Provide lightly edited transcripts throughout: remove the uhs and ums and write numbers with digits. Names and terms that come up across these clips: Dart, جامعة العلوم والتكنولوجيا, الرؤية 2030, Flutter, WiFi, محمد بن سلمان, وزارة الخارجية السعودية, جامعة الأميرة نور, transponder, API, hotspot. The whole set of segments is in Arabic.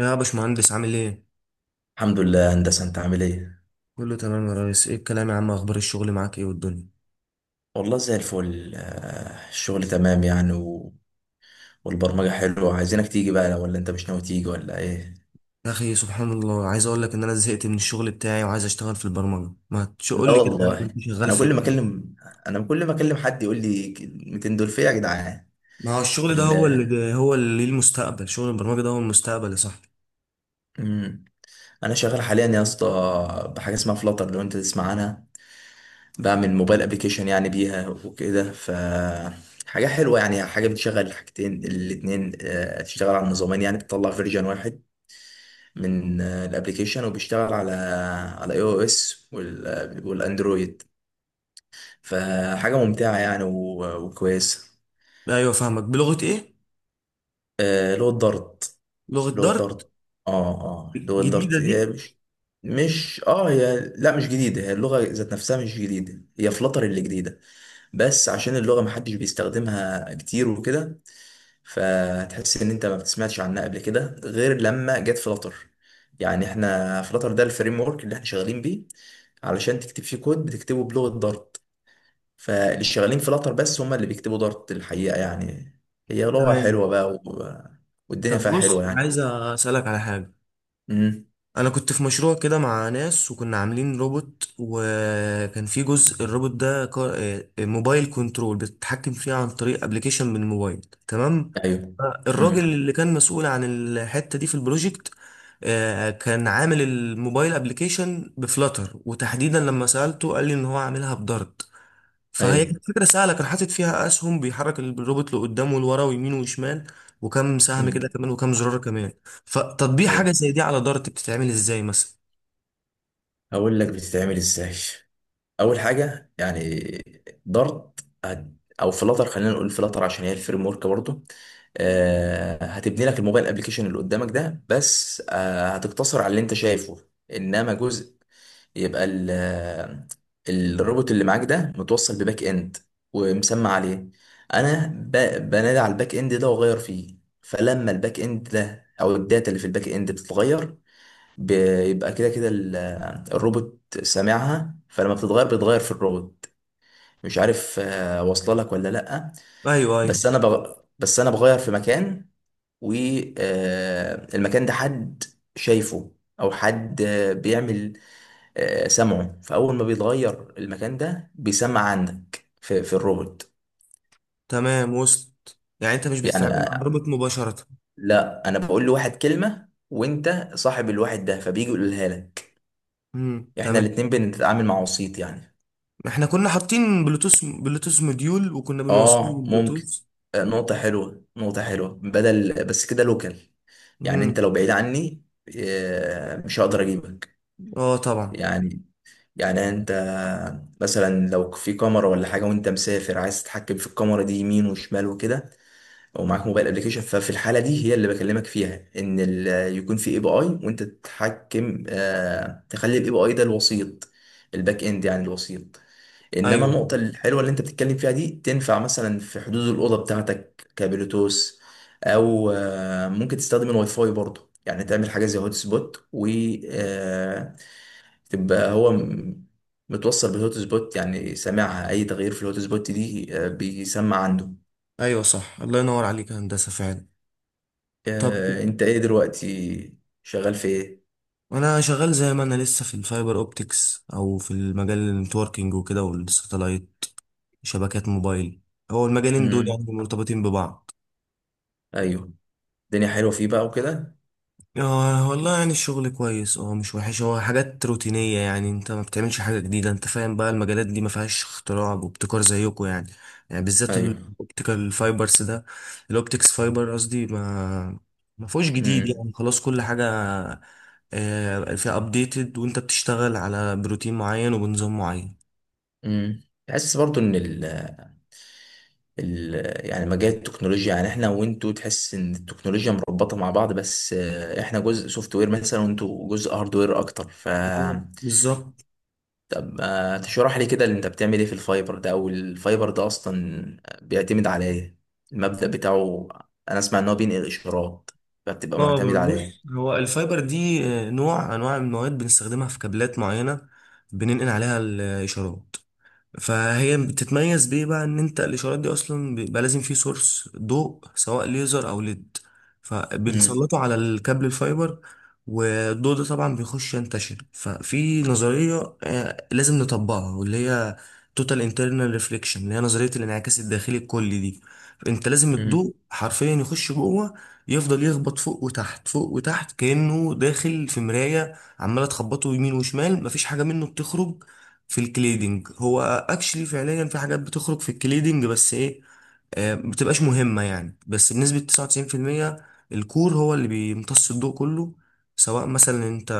يا باشمهندس، عامل ايه؟ الحمد لله هندسة، انت عامل ايه؟ كله تمام يا ريس. ايه الكلام يا عم؟ اخبار الشغل معاك ايه والدنيا؟ والله زي الفل. الشغل تمام يعني والبرمجة حلوة، عايزينك تيجي بقى، ولا انت مش ناوي تيجي ولا ايه؟ يا اخي سبحان الله، عايز اقول لك ان انا زهقت من الشغل بتاعي وعايز اشتغل في البرمجة. ما تقول لا لي كده يا عم، والله. انت شغال انا في كل ما ايه؟ اكلم انا كل ما اكلم حد يقول لي كلمتين دول فيا يا جدعان. ما هو الشغل ده ال... هو اللي ليه المستقبل. شغل البرمجة ده هو المستقبل يا صاحبي. مم. انا شغال حاليا يا اسطى بحاجة اسمها فلاتر، لو انت تسمع عنها. بعمل موبايل ابلكيشن يعني بيها وكده. حاجة حلوة يعني، حاجة بتشغل الحاجتين الاتنين. تشتغل على النظامين، يعني بتطلع فيرجن واحد من الابليكيشن، وبيشتغل على اي او اس والاندرويد. فحاجه ممتعه يعني وكويسه. ايوه فاهمك. بلغة ايه؟ اللي هو الدارت. لغة اللي هو دارت الدارت، اه. اه، اللي هو الجديدة الدارت. هي دي؟ مش مش اه هي لا، مش جديده. هي اللغه ذات نفسها مش جديده، هي فلتر اللي جديده. بس عشان اللغه محدش بيستخدمها كتير وكده، فتحس ان انت ما بتسمعش عنها قبل كده غير لما جت فلتر. يعني احنا فلتر ده الفريم ورك اللي احنا شغالين بيه، علشان تكتب فيه كود بتكتبه بلغة دارت. فاللي شغالين في لاتر بس هم اللي بيكتبوا دارت الحقيقة يعني. هي لغة تمام. حلوة بقى والدنيا طب فيها بص، حلوة يعني. عايز اسالك على حاجة. امم. انا كنت في مشروع كده مع ناس وكنا عاملين روبوت، وكان في جزء الروبوت ده موبايل كنترول بتتحكم فيه عن طريق ابلكيشن من الموبايل. تمام. ايوه. الراجل امم. اللي كان مسؤول عن الحتة دي في البروجكت، كان عامل الموبايل ابلكيشن بفلاتر، وتحديدا لما سألته قال لي ان هو عاملها بدارت. فهي ايوه. كانت فكرة سهلة، كان حاطط فيها أسهم بيحرك الروبوت لقدام ولورا ويمين وشمال، وكم سهم كده امم. كمان وكم زرار كمان. فتطبيق حاجة ايوه، زي دي على دارت بتتعمل إزاي مثلا؟ هقول لك بتتعمل ازاي. اول حاجة يعني، دارت، هت- او فلاتر، خلينا نقول فلاتر عشان هي الفريم ورك برضه. هتبني لك الموبايل ابلكيشن اللي قدامك ده، بس هتقتصر على اللي انت شايفه. انما جزء، يبقى الروبوت اللي معاك ده متوصل بباك اند، ومسمى عليه. انا بنادي على الباك اند ده واغير فيه. فلما الباك اند ده او الداتا اللي في الباك اند بتتغير، بيبقى كده كده الروبوت سامعها، فلما بتتغير في الروبوت. مش عارف واصله لك ولا لا. أيوه بس أيوه. انا بغ... بس انا بغير في مكان، والمكان ده حد شايفه، او حد بيعمل سمعه، فاول ما بيتغير المكان ده بيسمع عندك في الروبوت. تمام، وسط يعني. أنت مش يعني بتتعامل مع الروبوت مباشرة. لا، انا بقول لواحد كلمه، وانت صاحب الواحد ده، فبيجي يقولها لك. امم، احنا تمام. الاتنين بنتعامل مع وسيط يعني. احنا كنا حاطين بلوتوث، بلوتوث موديول، وكنا بنوصله اه، ممكن. بالبلوتوث. نقطه حلوه، نقطه حلوه، بدل بس كده لوكال. يعني انت امم. لو بعيد عني، مش هقدر اجيبك. اه طبعا. يعني يعني انت مثلا، لو في كاميرا ولا حاجه وانت مسافر، عايز تتحكم في الكاميرا دي يمين وشمال وكده، او معاك موبايل ابلكيشن، ففي الحاله دي هي اللي بكلمك فيها، ان يكون في اي بي اي، وانت تتحكم تخلي الاي بي اي ده الوسيط، الباك اند يعني الوسيط. انما ايوه النقطه الحلوه اللي انت بتتكلم فيها دي، تنفع مثلا في حدود الاوضه بتاعتك كبلوتوث، او ممكن تستخدم الواي فاي برضه، يعني تعمل حاجه زي هوت سبوت آه تبقى هو متوصل بالهوت سبوت، يعني سامعها، اي تغيير في الهوت سبوت دي بيسمع عنده. ايوه صح، الله ينور عليك يا هندسة فعلا. طب انت ايه دلوقتي شغال في ايه؟ انا شغال زي ما انا لسه في الفايبر اوبتكس او في المجال النتوركينج وكده والساتلايت، شبكات موبايل. هو المجالين دول امم. يعني مرتبطين ببعض. ايوه، الدنيا حلوه فيه بقى وكده. آه والله يعني الشغل كويس، اه مش وحش، هو حاجات روتينية يعني. انت ما بتعملش حاجة جديدة، انت فاهم بقى؟ المجالات دي ما فيهاش اختراع وابتكار زيكم يعني، يعني بالذات ايوه. الاوبتيكال فايبرز ده، الاوبتكس فايبر قصدي، ما فيهوش جديد امم. يعني، خلاص كل حاجة فيها ابديتد، وانت بتشتغل على بروتين معين وبنظام معين. امم، تحس برضو ان ال ال يعني مجال التكنولوجيا، يعني احنا وانتوا، تحس ان التكنولوجيا مربوطه مع بعض، بس احنا جزء سوفت وير مثلا، وانتوا جزء هاردوير اكتر. بالظبط. طب تشرح لي كده اللي انت بتعمل ايه في الفايبر ده، او الفايبر ده اصلا بيعتمد على ايه، المبدأ بتاعه؟ انا اسمع ان هو بينقل اشارات، فبتبقى اه معتمد على ايه؟ بص، هو الفايبر دي نوع انواع المواد بنستخدمها في كابلات معينه، بننقل عليها الاشارات. فهي بتتميز بيه بقى ان انت الاشارات دي اصلا بيبقى لازم فيه سورس ضوء، سواء ليزر او ليد، فبنسلطه على الكابل الفايبر. والضوء ده طبعا بيخش ينتشر، ففي نظرية لازم نطبقها واللي هي توتال انترنال ريفليكشن، اللي هي نظرية الانعكاس الداخلي الكلي دي. انت لازم امم. الضوء حرفيا يخش جوه، يفضل يخبط فوق وتحت فوق وتحت، كأنه داخل في مراية عمالة تخبطه يمين وشمال، مفيش حاجة منه بتخرج. في الكليدنج هو اكشلي فعليا في حاجات بتخرج في الكليدنج بس ايه، ما بتبقاش مهمة يعني، بس بنسبة 99%. الكور هو اللي بيمتص الضوء كله. سواء مثلا انت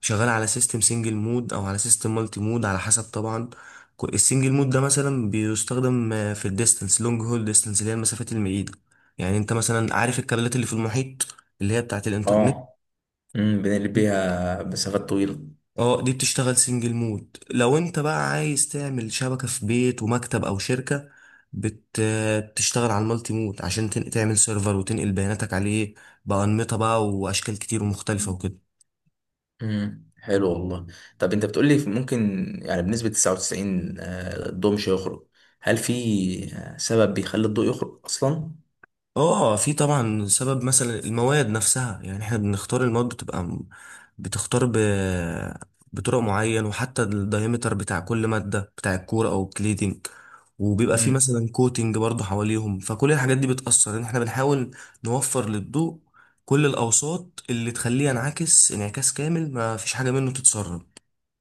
شغال على سيستم سنجل مود او على سيستم مالتي مود، على حسب طبعا. السنجل مود ده مثلا بيستخدم في الديستنس، لونج هول ديستنس، اللي هي المسافات المعيدة. يعني انت مثلا عارف الكابلات اللي في المحيط اللي هي بتاعت الانترنت؟ اه. امم، بنقلب بيها مسافات طويلة. اه دي بتشتغل سنجل مود. لو انت بقى عايز تعمل شبكة في بيت ومكتب او شركة، بت... بتشتغل على المالتي مود عشان تعمل سيرفر وتنقل بياناتك عليه، بأنمطة بقى واشكال كتير ومختلفة وكده. امم، حلو والله. طب انت بتقول لي ممكن، يعني بنسبة 99 الضوء مش هيخرج، هل في سبب بيخلي الضوء يخرج اصلا؟ اه في طبعا سبب، مثلا المواد نفسها، يعني احنا بنختار المواد بتبقى بتختار ب... بطرق معين، وحتى الدايمتر بتاع كل مادة بتاع الكورة او الكليدنج، وبيبقى في مم. مثلا كوتنج برضو حواليهم. فكل الحاجات دي بتأثر ان احنا بنحاول نوفر للضوء كل الاوساط اللي تخليه ينعكس انعكاس كامل، ما فيش حاجة منه تتسرب.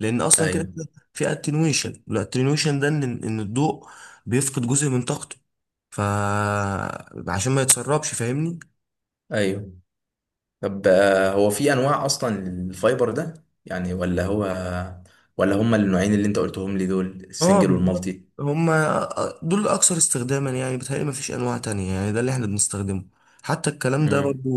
لان اصلا كده ايوه. كده في اتنويشن، والاتنويشن ده ان الضوء بيفقد جزء من طاقته، ف عشان ما يتسربش، فاهمني؟ ايوه، طب هو في انواع اصلا للفايبر ده، يعني، ولا هو، ولا هما النوعين اللي انت قلتهم لي دول، اه السنجل بالظبط. والمالتي؟ هما دول اكثر استخداما يعني، بتهيألي ما فيش انواع تانية يعني، ده اللي احنا بنستخدمه. حتى الكلام ده امم. برضو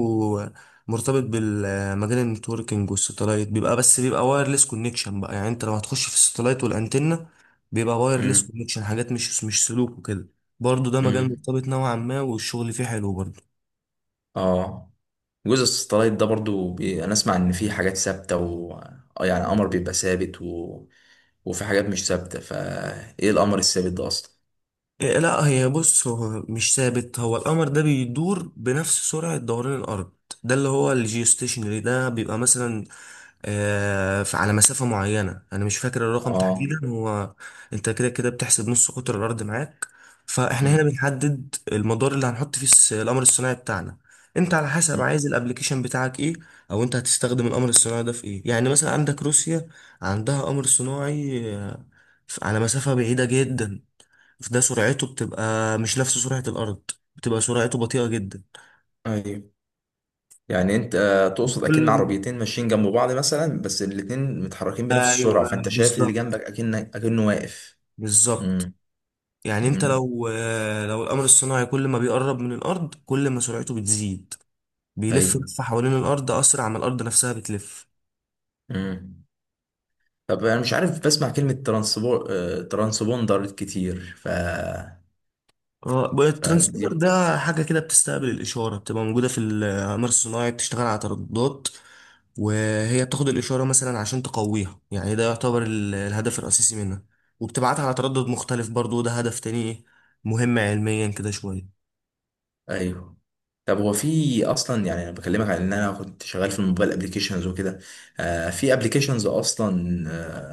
مرتبط بالمجال النتوركينج، والستلايت بيبقى بس بيبقى وايرلس كونكشن بقى. يعني انت لو هتخش في الستلايت والانتنة، بيبقى وايرلس امم. كونكشن، حاجات مش سلوك وكده. برضو ده مجال امم. مرتبط نوعا ما، والشغل فيه حلو برضو. اه، جزء الساتلايت ده برضو، انا اسمع ان في حاجات ثابته، يعني قمر بيبقى ثابت وفي حاجات مش ثابته، فايه القمر الثابت ده اصلا؟ إيه، لا هي بص، هو مش ثابت، هو القمر ده بيدور بنفس سرعة دوران الأرض. ده اللي هو الجيوستيشنري ده، بيبقى مثلا على مسافة معينة أنا مش فاكر الرقم اه. تحديدا. هو أنت كده كده بتحسب نص قطر الأرض معاك. فإحنا هنا مم. بنحدد المدار اللي هنحط فيه القمر الصناعي بتاعنا. أنت على حسب مم. عايز الأبليكيشن بتاعك إيه، أو أنت هتستخدم القمر الصناعي ده في إيه. يعني مثلا عندك روسيا، عندها قمر صناعي على مسافة بعيدة جدا، فده سرعته بتبقى مش نفس سرعة الأرض، بتبقى سرعته بطيئة جدا. ايوه، يعني انت تقصد اكن كل عربيتين ماشيين جنب بعض مثلا، بس الاتنين متحركين بنفس ايوه السرعه، فانت شايف اللي بالظبط، جنبك اكن اكنه واقف. بالظبط. مم. يعني انت مم. لو، لو القمر الصناعي كل ما بيقرب من الأرض كل ما سرعته بتزيد، بيلف ايوه. لفة حوالين الأرض أسرع ما الأرض نفسها بتلف. مم. طب انا مش عارف، بسمع كلمه ترانسبور آه، ترانسبوندر كتير. اه الترانسبوندر فدي؟ ده حاجة كده بتستقبل الإشارة، بتبقى موجودة في الأقمار الصناعي، بتشتغل على ترددات. وهي بتاخد الإشارة مثلا عشان تقويها، يعني ده يعتبر الهدف الرئيسي منها، وبتبعتها على تردد مختلف برضو، ده هدف تاني مهم علميا كده شوية. ايوه، طب هو في اصلا، يعني انا بكلمك عن ان انا كنت شغال في الموبايل ابلكيشنز وكده، في ابلكيشنز اصلا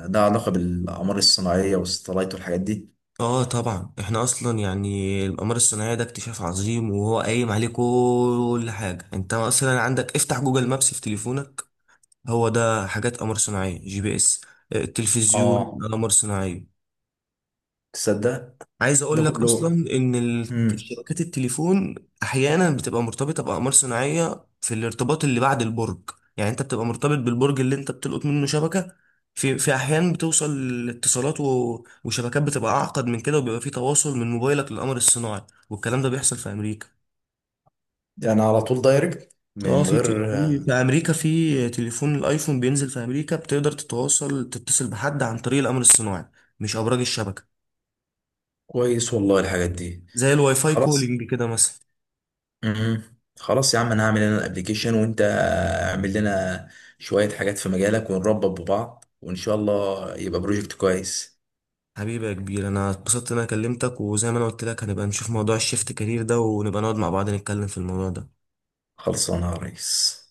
ده علاقه بالاقمار الصناعيه والستلايت والحاجات دي؟ اه طبعا، احنا اصلا يعني الأقمار الصناعية ده اكتشاف عظيم وهو قايم عليه كل حاجة. انت مثلا عندك افتح جوجل مابس في تليفونك، هو ده حاجات قمر صناعية، جي بي اس. التلفزيون اه، قمر صناعية. تصدق عايز ده اقول لك اصلا كله. ان امم. شبكات التليفون احيانا بتبقى مرتبطه باقمار صناعيه في الارتباط اللي بعد البرج. يعني انت بتبقى مرتبط بالبرج اللي انت بتلقط منه شبكه، في احيان بتوصل اتصالات وشبكات بتبقى اعقد من كده، وبيبقى في تواصل من موبايلك للقمر الصناعي. والكلام ده بيحصل في امريكا. يعني على طول دايركت اه من في ت- غير في في امريكا، في تليفون الايفون بينزل في امريكا بتقدر تتواصل تتصل بحد عن طريق القمر الصناعي، مش ابراج الشبكه. كويس والله الحاجات دي. زي الواي فاي خلاص. كولينج كده مثلا. امم. خلاص يا عم، انا هعمل انا الابلكيشن، وانت اعمل لنا شويه حاجات في مجالك، ونربط ببعض، وان شاء الله يبقى بروجكت كويس. حبيبي يا كبير، انا اتبسطت ان انا كلمتك، وزي ما انا قلت لك هنبقى نشوف موضوع الشيفت كارير ده، ونبقى نقعد مع بعض نتكلم في الموضوع ده. خلصانه يا ريس.